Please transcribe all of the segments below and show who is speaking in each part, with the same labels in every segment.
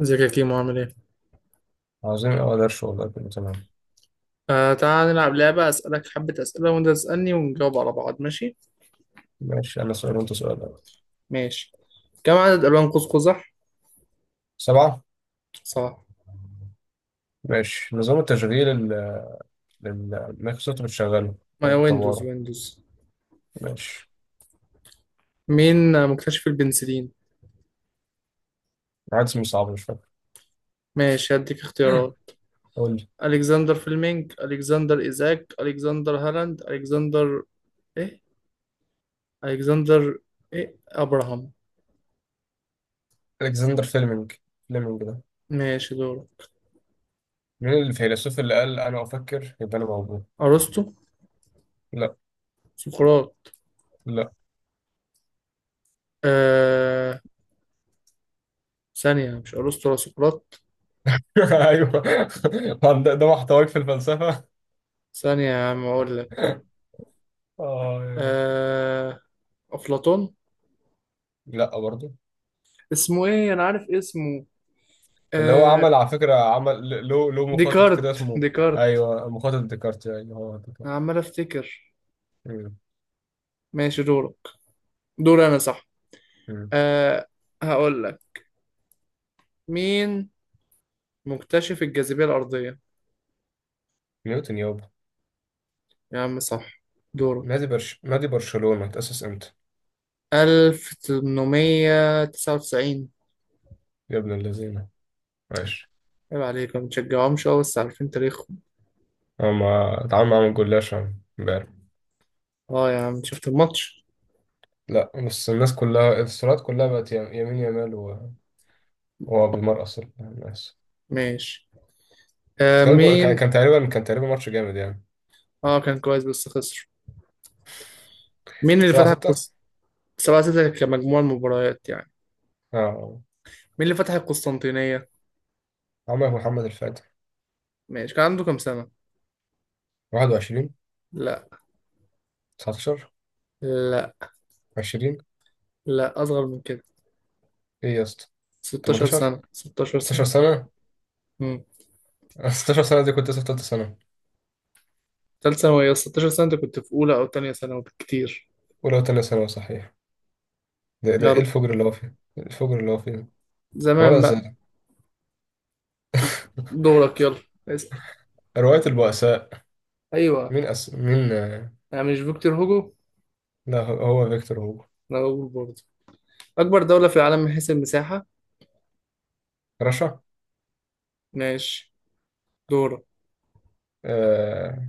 Speaker 1: ازيك يا كيمو، عامل ايه؟
Speaker 2: عظيم أوي درش، والله كله تمام.
Speaker 1: آه، تعال نلعب لعبة، اسألك حبة اسئلة وانت تسألني ونجاوب على بعض، ماشي؟
Speaker 2: ماشي، أنا سؤال وأنت سؤال أوي.
Speaker 1: ماشي. كم عدد الوان قوس قزح؟
Speaker 2: سبعة.
Speaker 1: صح.
Speaker 2: ماشي، نظام التشغيل اللي المايكروسوفت بتشغله أو
Speaker 1: ما ويندوز،
Speaker 2: بتطوره؟
Speaker 1: ويندوز.
Speaker 2: ماشي.
Speaker 1: مين مكتشف البنسلين؟
Speaker 2: واحد اسمه صعب، مش فاكر.
Speaker 1: ماشي هديك اختيارات.
Speaker 2: قول لي.
Speaker 1: الكسندر فليمنج، الكسندر ايزاك، الكسندر هالاند، الكسندر ايه؟ الكسندر ايه؟ ابراهام.
Speaker 2: ألكسندر فيلمينج. فيلمينج ده.
Speaker 1: ماشي دوره.
Speaker 2: مين الفيلسوف اللي قال أنا أفكر يبقى أنا موجود؟
Speaker 1: ارسطو.
Speaker 2: لا.
Speaker 1: سقراط.
Speaker 2: لا.
Speaker 1: آه. ثانية، مش ارسطو ولا سقراط.
Speaker 2: أيوه. ده محتواك في الفلسفة.
Speaker 1: ثانية يا عم اقول لك.
Speaker 2: اه، يلا.
Speaker 1: آه... أفلاطون.
Speaker 2: لا برضه.
Speaker 1: اسمه إيه؟ أنا عارف اسمه.
Speaker 2: اللي هو
Speaker 1: آه...
Speaker 2: عمل، على فكرة، عمل له مخطط كده
Speaker 1: ديكارت،
Speaker 2: اسمه.
Speaker 1: ديكارت.
Speaker 2: ايوه، مخطط ديكارت. ايوه، هو ديكارت.
Speaker 1: أنا عمال أفتكر.
Speaker 2: مم.
Speaker 1: ماشي دورك. دور أنا، صح.
Speaker 2: مم.
Speaker 1: آه... هقول لك. مين مكتشف الجاذبية الأرضية؟
Speaker 2: نيوتن يابا.
Speaker 1: يا عم صح. دورك.
Speaker 2: نادي برشلونة اتأسس امتى؟
Speaker 1: 1899.
Speaker 2: يا ابن اللذينة. ماشي.
Speaker 1: عيب عليك، ما بتشجعهمش أوي بس عارفين تاريخهم.
Speaker 2: هما اتعامل معاهم جلاش امبارح.
Speaker 1: اه يا عم شفت الماتش.
Speaker 2: لا، بس الناس كلها الصورات كلها بقت يمين يمال وهو بيمرقص الناس.
Speaker 1: ماشي.
Speaker 2: بس كان جو... كان
Speaker 1: مين.
Speaker 2: كان تقريبا كان تقريبا ماتش جامد، يعني.
Speaker 1: اه كان كويس بس خسر. مين اللي
Speaker 2: سبعة
Speaker 1: فتح
Speaker 2: ستة
Speaker 1: القصة؟ 7-6 كمجموع المباريات يعني.
Speaker 2: اه.
Speaker 1: مين اللي فتح القسطنطينية؟
Speaker 2: عمر محمد الفاتح.
Speaker 1: ماشي كان عنده كام سنة؟
Speaker 2: 21.
Speaker 1: لا،
Speaker 2: 19.
Speaker 1: لا،
Speaker 2: 20.
Speaker 1: لا، أصغر من كده.
Speaker 2: ايه يا اسطى؟
Speaker 1: 16
Speaker 2: 18.
Speaker 1: سنة، 16
Speaker 2: ستاشر
Speaker 1: سنة.
Speaker 2: سنة
Speaker 1: امم.
Speaker 2: 16 سنة؟ دي كنت لسه في تالتة سنة.
Speaker 1: تالت ثانوي، يا 16 سنة أنت كنت في أولى أو تانية ثانوي بالكتير.
Speaker 2: أولى وتانية ثانوي، صحيح. ده ايه
Speaker 1: يلا.
Speaker 2: الفجر اللي هو فيه؟ إيه الفجر اللي هو فيه؟
Speaker 1: زمان
Speaker 2: خلاص.
Speaker 1: بقى. دورك يلا. اسأل.
Speaker 2: رواية البؤساء.
Speaker 1: أيوه.
Speaker 2: مين أس... مين آه،
Speaker 1: أنا مش فيكتور هوجو؟
Speaker 2: لا، هو. هو فيكتور هوجو.
Speaker 1: أنا هوجو برضه. أكبر دولة في العالم من حيث المساحة؟
Speaker 2: رشا.
Speaker 1: ماشي دورك.
Speaker 2: آه...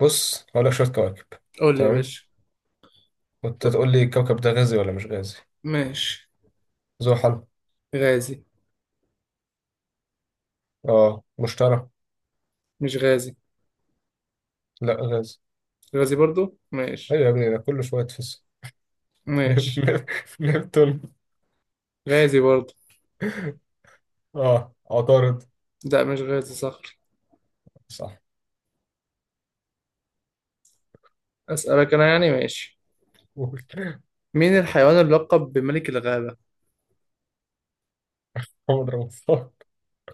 Speaker 2: بص، هقول لك شوية كواكب.
Speaker 1: قول لي يا
Speaker 2: تمام.
Speaker 1: باشا.
Speaker 2: وانت تقول لي الكوكب ده غازي ولا مش غازي.
Speaker 1: ماشي.
Speaker 2: زحل.
Speaker 1: غازي.
Speaker 2: اه، مشتري.
Speaker 1: مش غازي.
Speaker 2: لا، غازي.
Speaker 1: غازي برضه؟ ماشي.
Speaker 2: ايوه يا ابني، ده كله شوية فيس.
Speaker 1: ماشي.
Speaker 2: نبتون.
Speaker 1: غازي برضه.
Speaker 2: اه، عطارد.
Speaker 1: لا مش غازي، صح.
Speaker 2: صح.
Speaker 1: أسألك أنا يعني، ماشي.
Speaker 2: قول.
Speaker 1: مين الحيوان اللقب بملك الغابة؟
Speaker 2: محمد رمضان.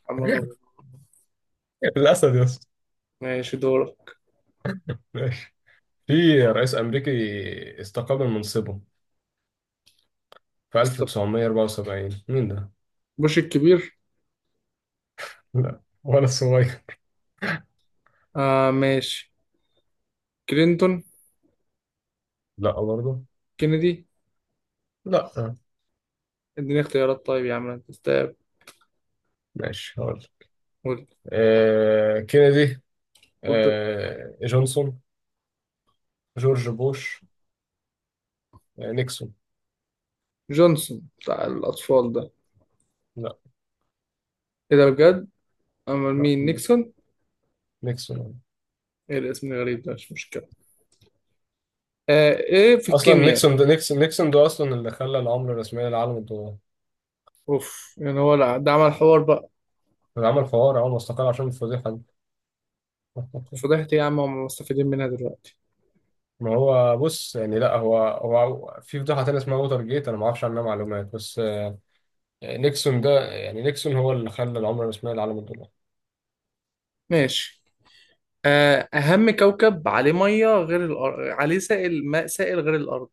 Speaker 1: محمد رمضان.
Speaker 2: الأسد يا اسطى.
Speaker 1: ماشي دورك.
Speaker 2: ماشي. في رئيس أمريكي استقال من منصبه في
Speaker 1: استر.
Speaker 2: 1974، مين ده؟
Speaker 1: بوش الكبير.
Speaker 2: لا، ولا صغير.
Speaker 1: آه ماشي. كلينتون.
Speaker 2: لا برضه.
Speaker 1: كينيدي.
Speaker 2: لا.
Speaker 1: اديني اختيارات طيب يا عم، انت استاب.
Speaker 2: ماشي، هقول لك.
Speaker 1: قلت.
Speaker 2: كينيدي.
Speaker 1: قلت.
Speaker 2: جونسون. جورج بوش. نيكسون.
Speaker 1: جونسون بتاع الأطفال ده.
Speaker 2: لا
Speaker 1: ايه ده بجد؟ أمال
Speaker 2: لا،
Speaker 1: مين
Speaker 2: لا.
Speaker 1: نيكسون؟
Speaker 2: نيكسون.
Speaker 1: ايه الاسم الغريب ده، مش مشكلة. آه ايه في
Speaker 2: اصلا
Speaker 1: الكيمياء؟
Speaker 2: نيكسون ده نيكسون نيكسون ده اصلا اللي خلى العمله الرسميه للعالم الدولار.
Speaker 1: اوف يعني، هو لا، ده عمل حوار بقى.
Speaker 2: اللي عمل فوار اول ما استقال عشان الفضيحه دي.
Speaker 1: فضحت إيه يا عم، هم مستفيدين منها دلوقتي.
Speaker 2: ما هو بص، يعني لا، هو في فضيحه تانية اسمها ووتر جيت، انا ما اعرفش عنها معلومات بس. نيكسون ده، يعني نيكسون هو اللي خلى العمله الرسميه للعالم الدولار.
Speaker 1: ماشي. أهم كوكب عليه مية غير الأرض، عليه سائل ماء سائل غير الأرض.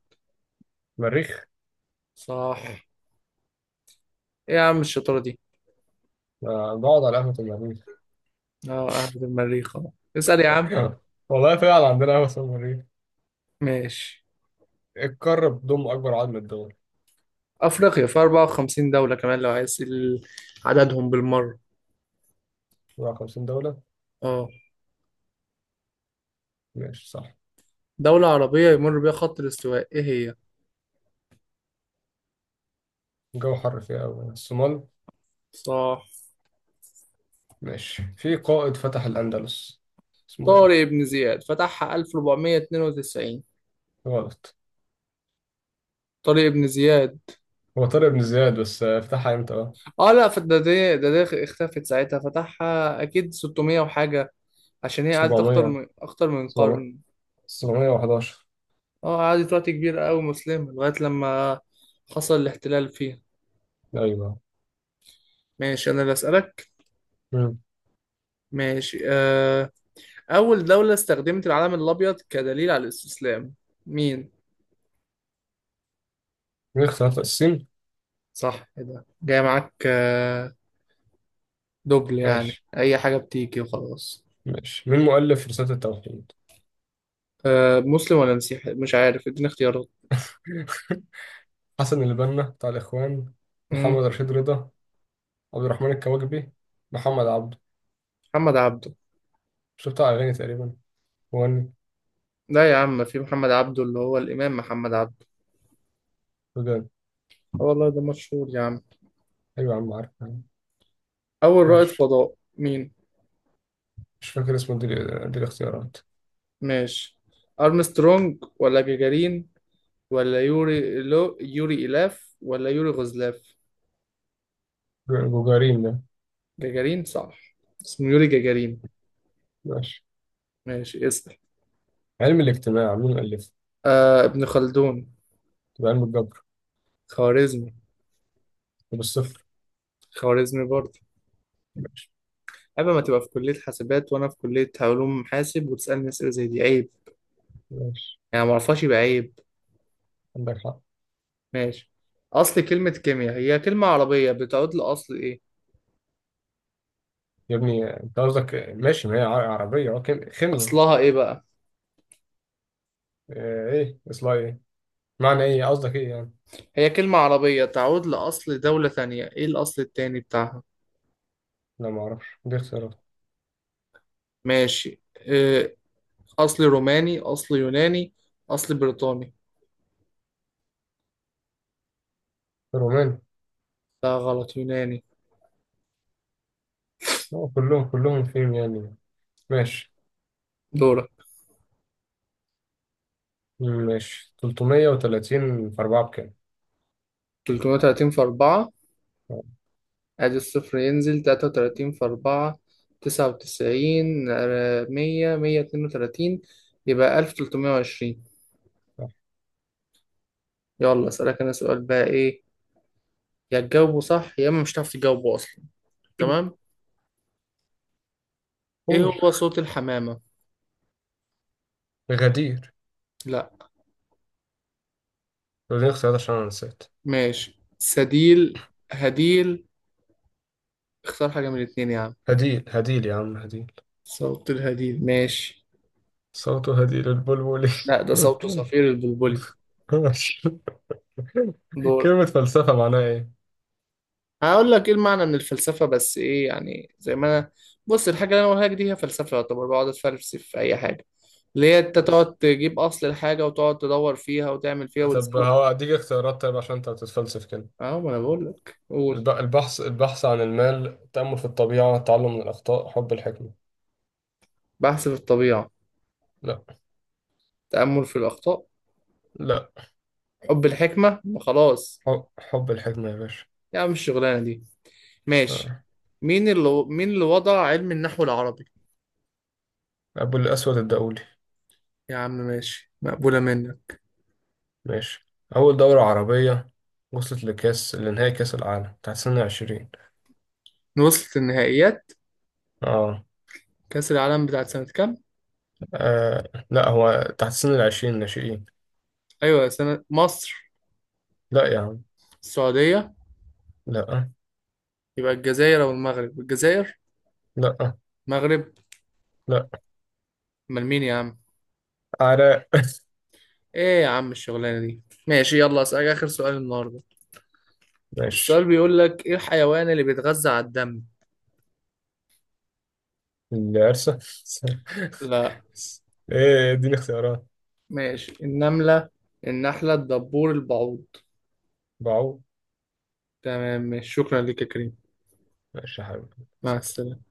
Speaker 2: مريخ.
Speaker 1: صح. إيه يا عم الشطارة دي.
Speaker 2: آه، بقعد على قهوه المريخ.
Speaker 1: اه أهبد المريخ أهو. اسأل يا عم.
Speaker 2: والله فعلا عندنا قهوه اسمها مريخ.
Speaker 1: ماشي.
Speaker 2: القارة بتضم أكبر عدد من الدول؟
Speaker 1: أفريقيا في 54 دولة، كمان لو عايز عددهم بالمرة.
Speaker 2: 54 دولة.
Speaker 1: اه.
Speaker 2: ماشي، صح.
Speaker 1: دولة عربية يمر بيها خط الاستواء، إيه هي؟
Speaker 2: الجو حر فيها أوي، الصومال.
Speaker 1: صح.
Speaker 2: ماشي. في قائد فتح الأندلس، اسمه
Speaker 1: طارق
Speaker 2: إيه؟
Speaker 1: بن زياد، فتحها 1492.
Speaker 2: غلط.
Speaker 1: طارق بن زياد.
Speaker 2: هو طارق بن زياد، بس فتحها إمتى بقى؟
Speaker 1: اه لا، فده ده ده ده اختفت ساعتها، فتحها أكيد 600 وحاجة. عشان هي قعدت أكتر
Speaker 2: 700.
Speaker 1: من أكتر من
Speaker 2: 700.
Speaker 1: قرن.
Speaker 2: 711.
Speaker 1: اه قعدت وقت كبير قوي، مسلمة لغاية لما حصل الاحتلال فيها.
Speaker 2: أيوه.
Speaker 1: ماشي أنا اللي أسألك.
Speaker 2: مم.
Speaker 1: ماشي. أول دولة استخدمت العلم الأبيض كدليل على الاستسلام، مين؟
Speaker 2: مين اختلاف السين؟
Speaker 1: صح كده، جاي معاك. دبل يعني،
Speaker 2: ماشي.
Speaker 1: أي حاجة بتيجي وخلاص.
Speaker 2: ماشي. مين مؤلف رسالة التوحيد؟
Speaker 1: مسلم ولا مسيحي، مش عارف، اديني اختيارات.
Speaker 2: حسن البنا بتاع الإخوان.
Speaker 1: مم.
Speaker 2: محمد رشيد رضا. عبد الرحمن الكواكبي. محمد عبده.
Speaker 1: محمد عبده.
Speaker 2: شو بتاع أغاني تقريبا. مغني.
Speaker 1: لا يا عم، في محمد عبده اللي هو الإمام محمد عبده.
Speaker 2: وجان.
Speaker 1: اه والله ده مشهور يا عم.
Speaker 2: أيوة يا عم، عارف.
Speaker 1: أول رائد
Speaker 2: ماشي.
Speaker 1: فضاء مين؟
Speaker 2: مش فاكر اسمه. دي دي الاختيارات.
Speaker 1: ماشي. أرمسترونج ولا جاجارين، ولا يوري، لو يوري إلاف ولا يوري غزلاف.
Speaker 2: جوجارين ده.
Speaker 1: جاجارين صح. اسمه يوري جاجارين.
Speaker 2: ماشي.
Speaker 1: ماشي اسأل.
Speaker 2: علم الاجتماع، مين الألفه؟
Speaker 1: آه، ابن خلدون.
Speaker 2: تبقى علم الجبر.
Speaker 1: خوارزمي.
Speaker 2: طب الصفر.
Speaker 1: خوارزمي برضه.
Speaker 2: ماشي.
Speaker 1: عيب، ما تبقى في كلية حاسبات وأنا في كلية علوم حاسب وتسألني أسئلة زي دي، عيب.
Speaker 2: ماشي.
Speaker 1: يعني ما أعرفهاش يبقى عيب.
Speaker 2: عندك حق.
Speaker 1: ماشي. أصل كلمة كيمياء هي كلمة عربية بتعود لأصل إيه؟
Speaker 2: يا ابني انت قصدك ماشي، ما هي عربية. اه، خيمياء.
Speaker 1: أصلها إيه بقى؟
Speaker 2: ايه اصلها ايه؟ معنى ايه قصدك ايه يعني؟
Speaker 1: هي كلمة عربية تعود لأصل دولة ثانية، إيه الأصل التاني بتاعها؟
Speaker 2: لا، ما اعرفش. دي اختيارات.
Speaker 1: ماشي. أصلي روماني، أصلي يوناني، أصلي بريطاني.
Speaker 2: روماني.
Speaker 1: لا غلط، يوناني.
Speaker 2: اه، كلهم فيهم يعني. ماشي.
Speaker 1: دورك.
Speaker 2: ماشي. 330 في 4 بكام؟
Speaker 1: 330 في أربعة.
Speaker 2: آه،
Speaker 1: أدي الصفر ينزل، 33 في أربعة. 99، 100، 132. يبقى 1320.
Speaker 2: صح.
Speaker 1: يلا أسألك أنا سؤال بقى، إيه يا تجاوبه صح يا إما مش هتعرف تجاوبه أصلا. تمام. إيه
Speaker 2: قول.
Speaker 1: هو صوت الحمامة؟
Speaker 2: غدير.
Speaker 1: لا.
Speaker 2: دي اختيارات عشان انا نسيت.
Speaker 1: ماشي سديل، هديل. اختار حاجة من الاتنين يا عم.
Speaker 2: هديل، هديل يا عم، هديل.
Speaker 1: صوت الهديل، ماشي.
Speaker 2: صوت هديء للبلبل.
Speaker 1: لا ده صوت صفير البلبلي. دور.
Speaker 2: كلمة فلسفة معناها إيه؟
Speaker 1: هقول لك ايه المعنى من الفلسفه، بس ايه يعني، زي ما انا بص، الحاجه اللي انا بقولها لك دي هي فلسفه، يعتبر بقعد اتفلسف في اي حاجه اللي هي انت
Speaker 2: بس.
Speaker 1: تقعد تجيب اصل الحاجه وتقعد تدور فيها وتعمل فيها
Speaker 2: طب
Speaker 1: وتزود فيها.
Speaker 2: هو، أديك اختيارات طيب عشان أنت بتتفلسف كده.
Speaker 1: اه ما انا بقول لك، قول.
Speaker 2: البحث عن المال، التأمل في الطبيعة، التعلم من الأخطاء، حب الحكمة.
Speaker 1: بحث في الطبيعه.
Speaker 2: لا.
Speaker 1: تامل في الاخطاء.
Speaker 2: لا.
Speaker 1: حب الحكمه، ما خلاص.
Speaker 2: حب الحكمة يا باشا.
Speaker 1: يا عم الشغلانه دي. ماشي.
Speaker 2: آه.
Speaker 1: مين اللي وضع علم النحو العربي.
Speaker 2: أبو الأسود الدؤلي.
Speaker 1: يا عم ماشي، مقبوله منك.
Speaker 2: ماشي. أول دورة عربية وصلت لكأس لنهائي كأس العالم تحت سن 20؟
Speaker 1: وصلت النهائيات.
Speaker 2: آه.
Speaker 1: كاس العالم بتاعت سنه كام؟
Speaker 2: آه لا، هو تحت سن 20، ناشئين.
Speaker 1: ايوه سنه. مصر.
Speaker 2: لا يا عم.
Speaker 1: السعوديه.
Speaker 2: لا.
Speaker 1: يبقى الجزائر او المغرب، الجزائر.
Speaker 2: لا.
Speaker 1: مغرب.
Speaker 2: لا.
Speaker 1: امال مين يا عم.
Speaker 2: عراء.
Speaker 1: ايه يا عم الشغلانه دي. ماشي يلا اسالك اخر سؤال النهارده.
Speaker 2: ماشي.
Speaker 1: السؤال بيقول لك ايه، الحيوان اللي بيتغذى على الدم.
Speaker 2: العرسة.
Speaker 1: لا.
Speaker 2: ايه دي الاختيارات؟
Speaker 1: ماشي، النمله، النحله، الدبور، البعوض.
Speaker 2: بعو.
Speaker 1: تمام ماشي، شكرا لك يا كريم.
Speaker 2: ماشي يا
Speaker 1: مع
Speaker 2: حبيبي.
Speaker 1: السلامه.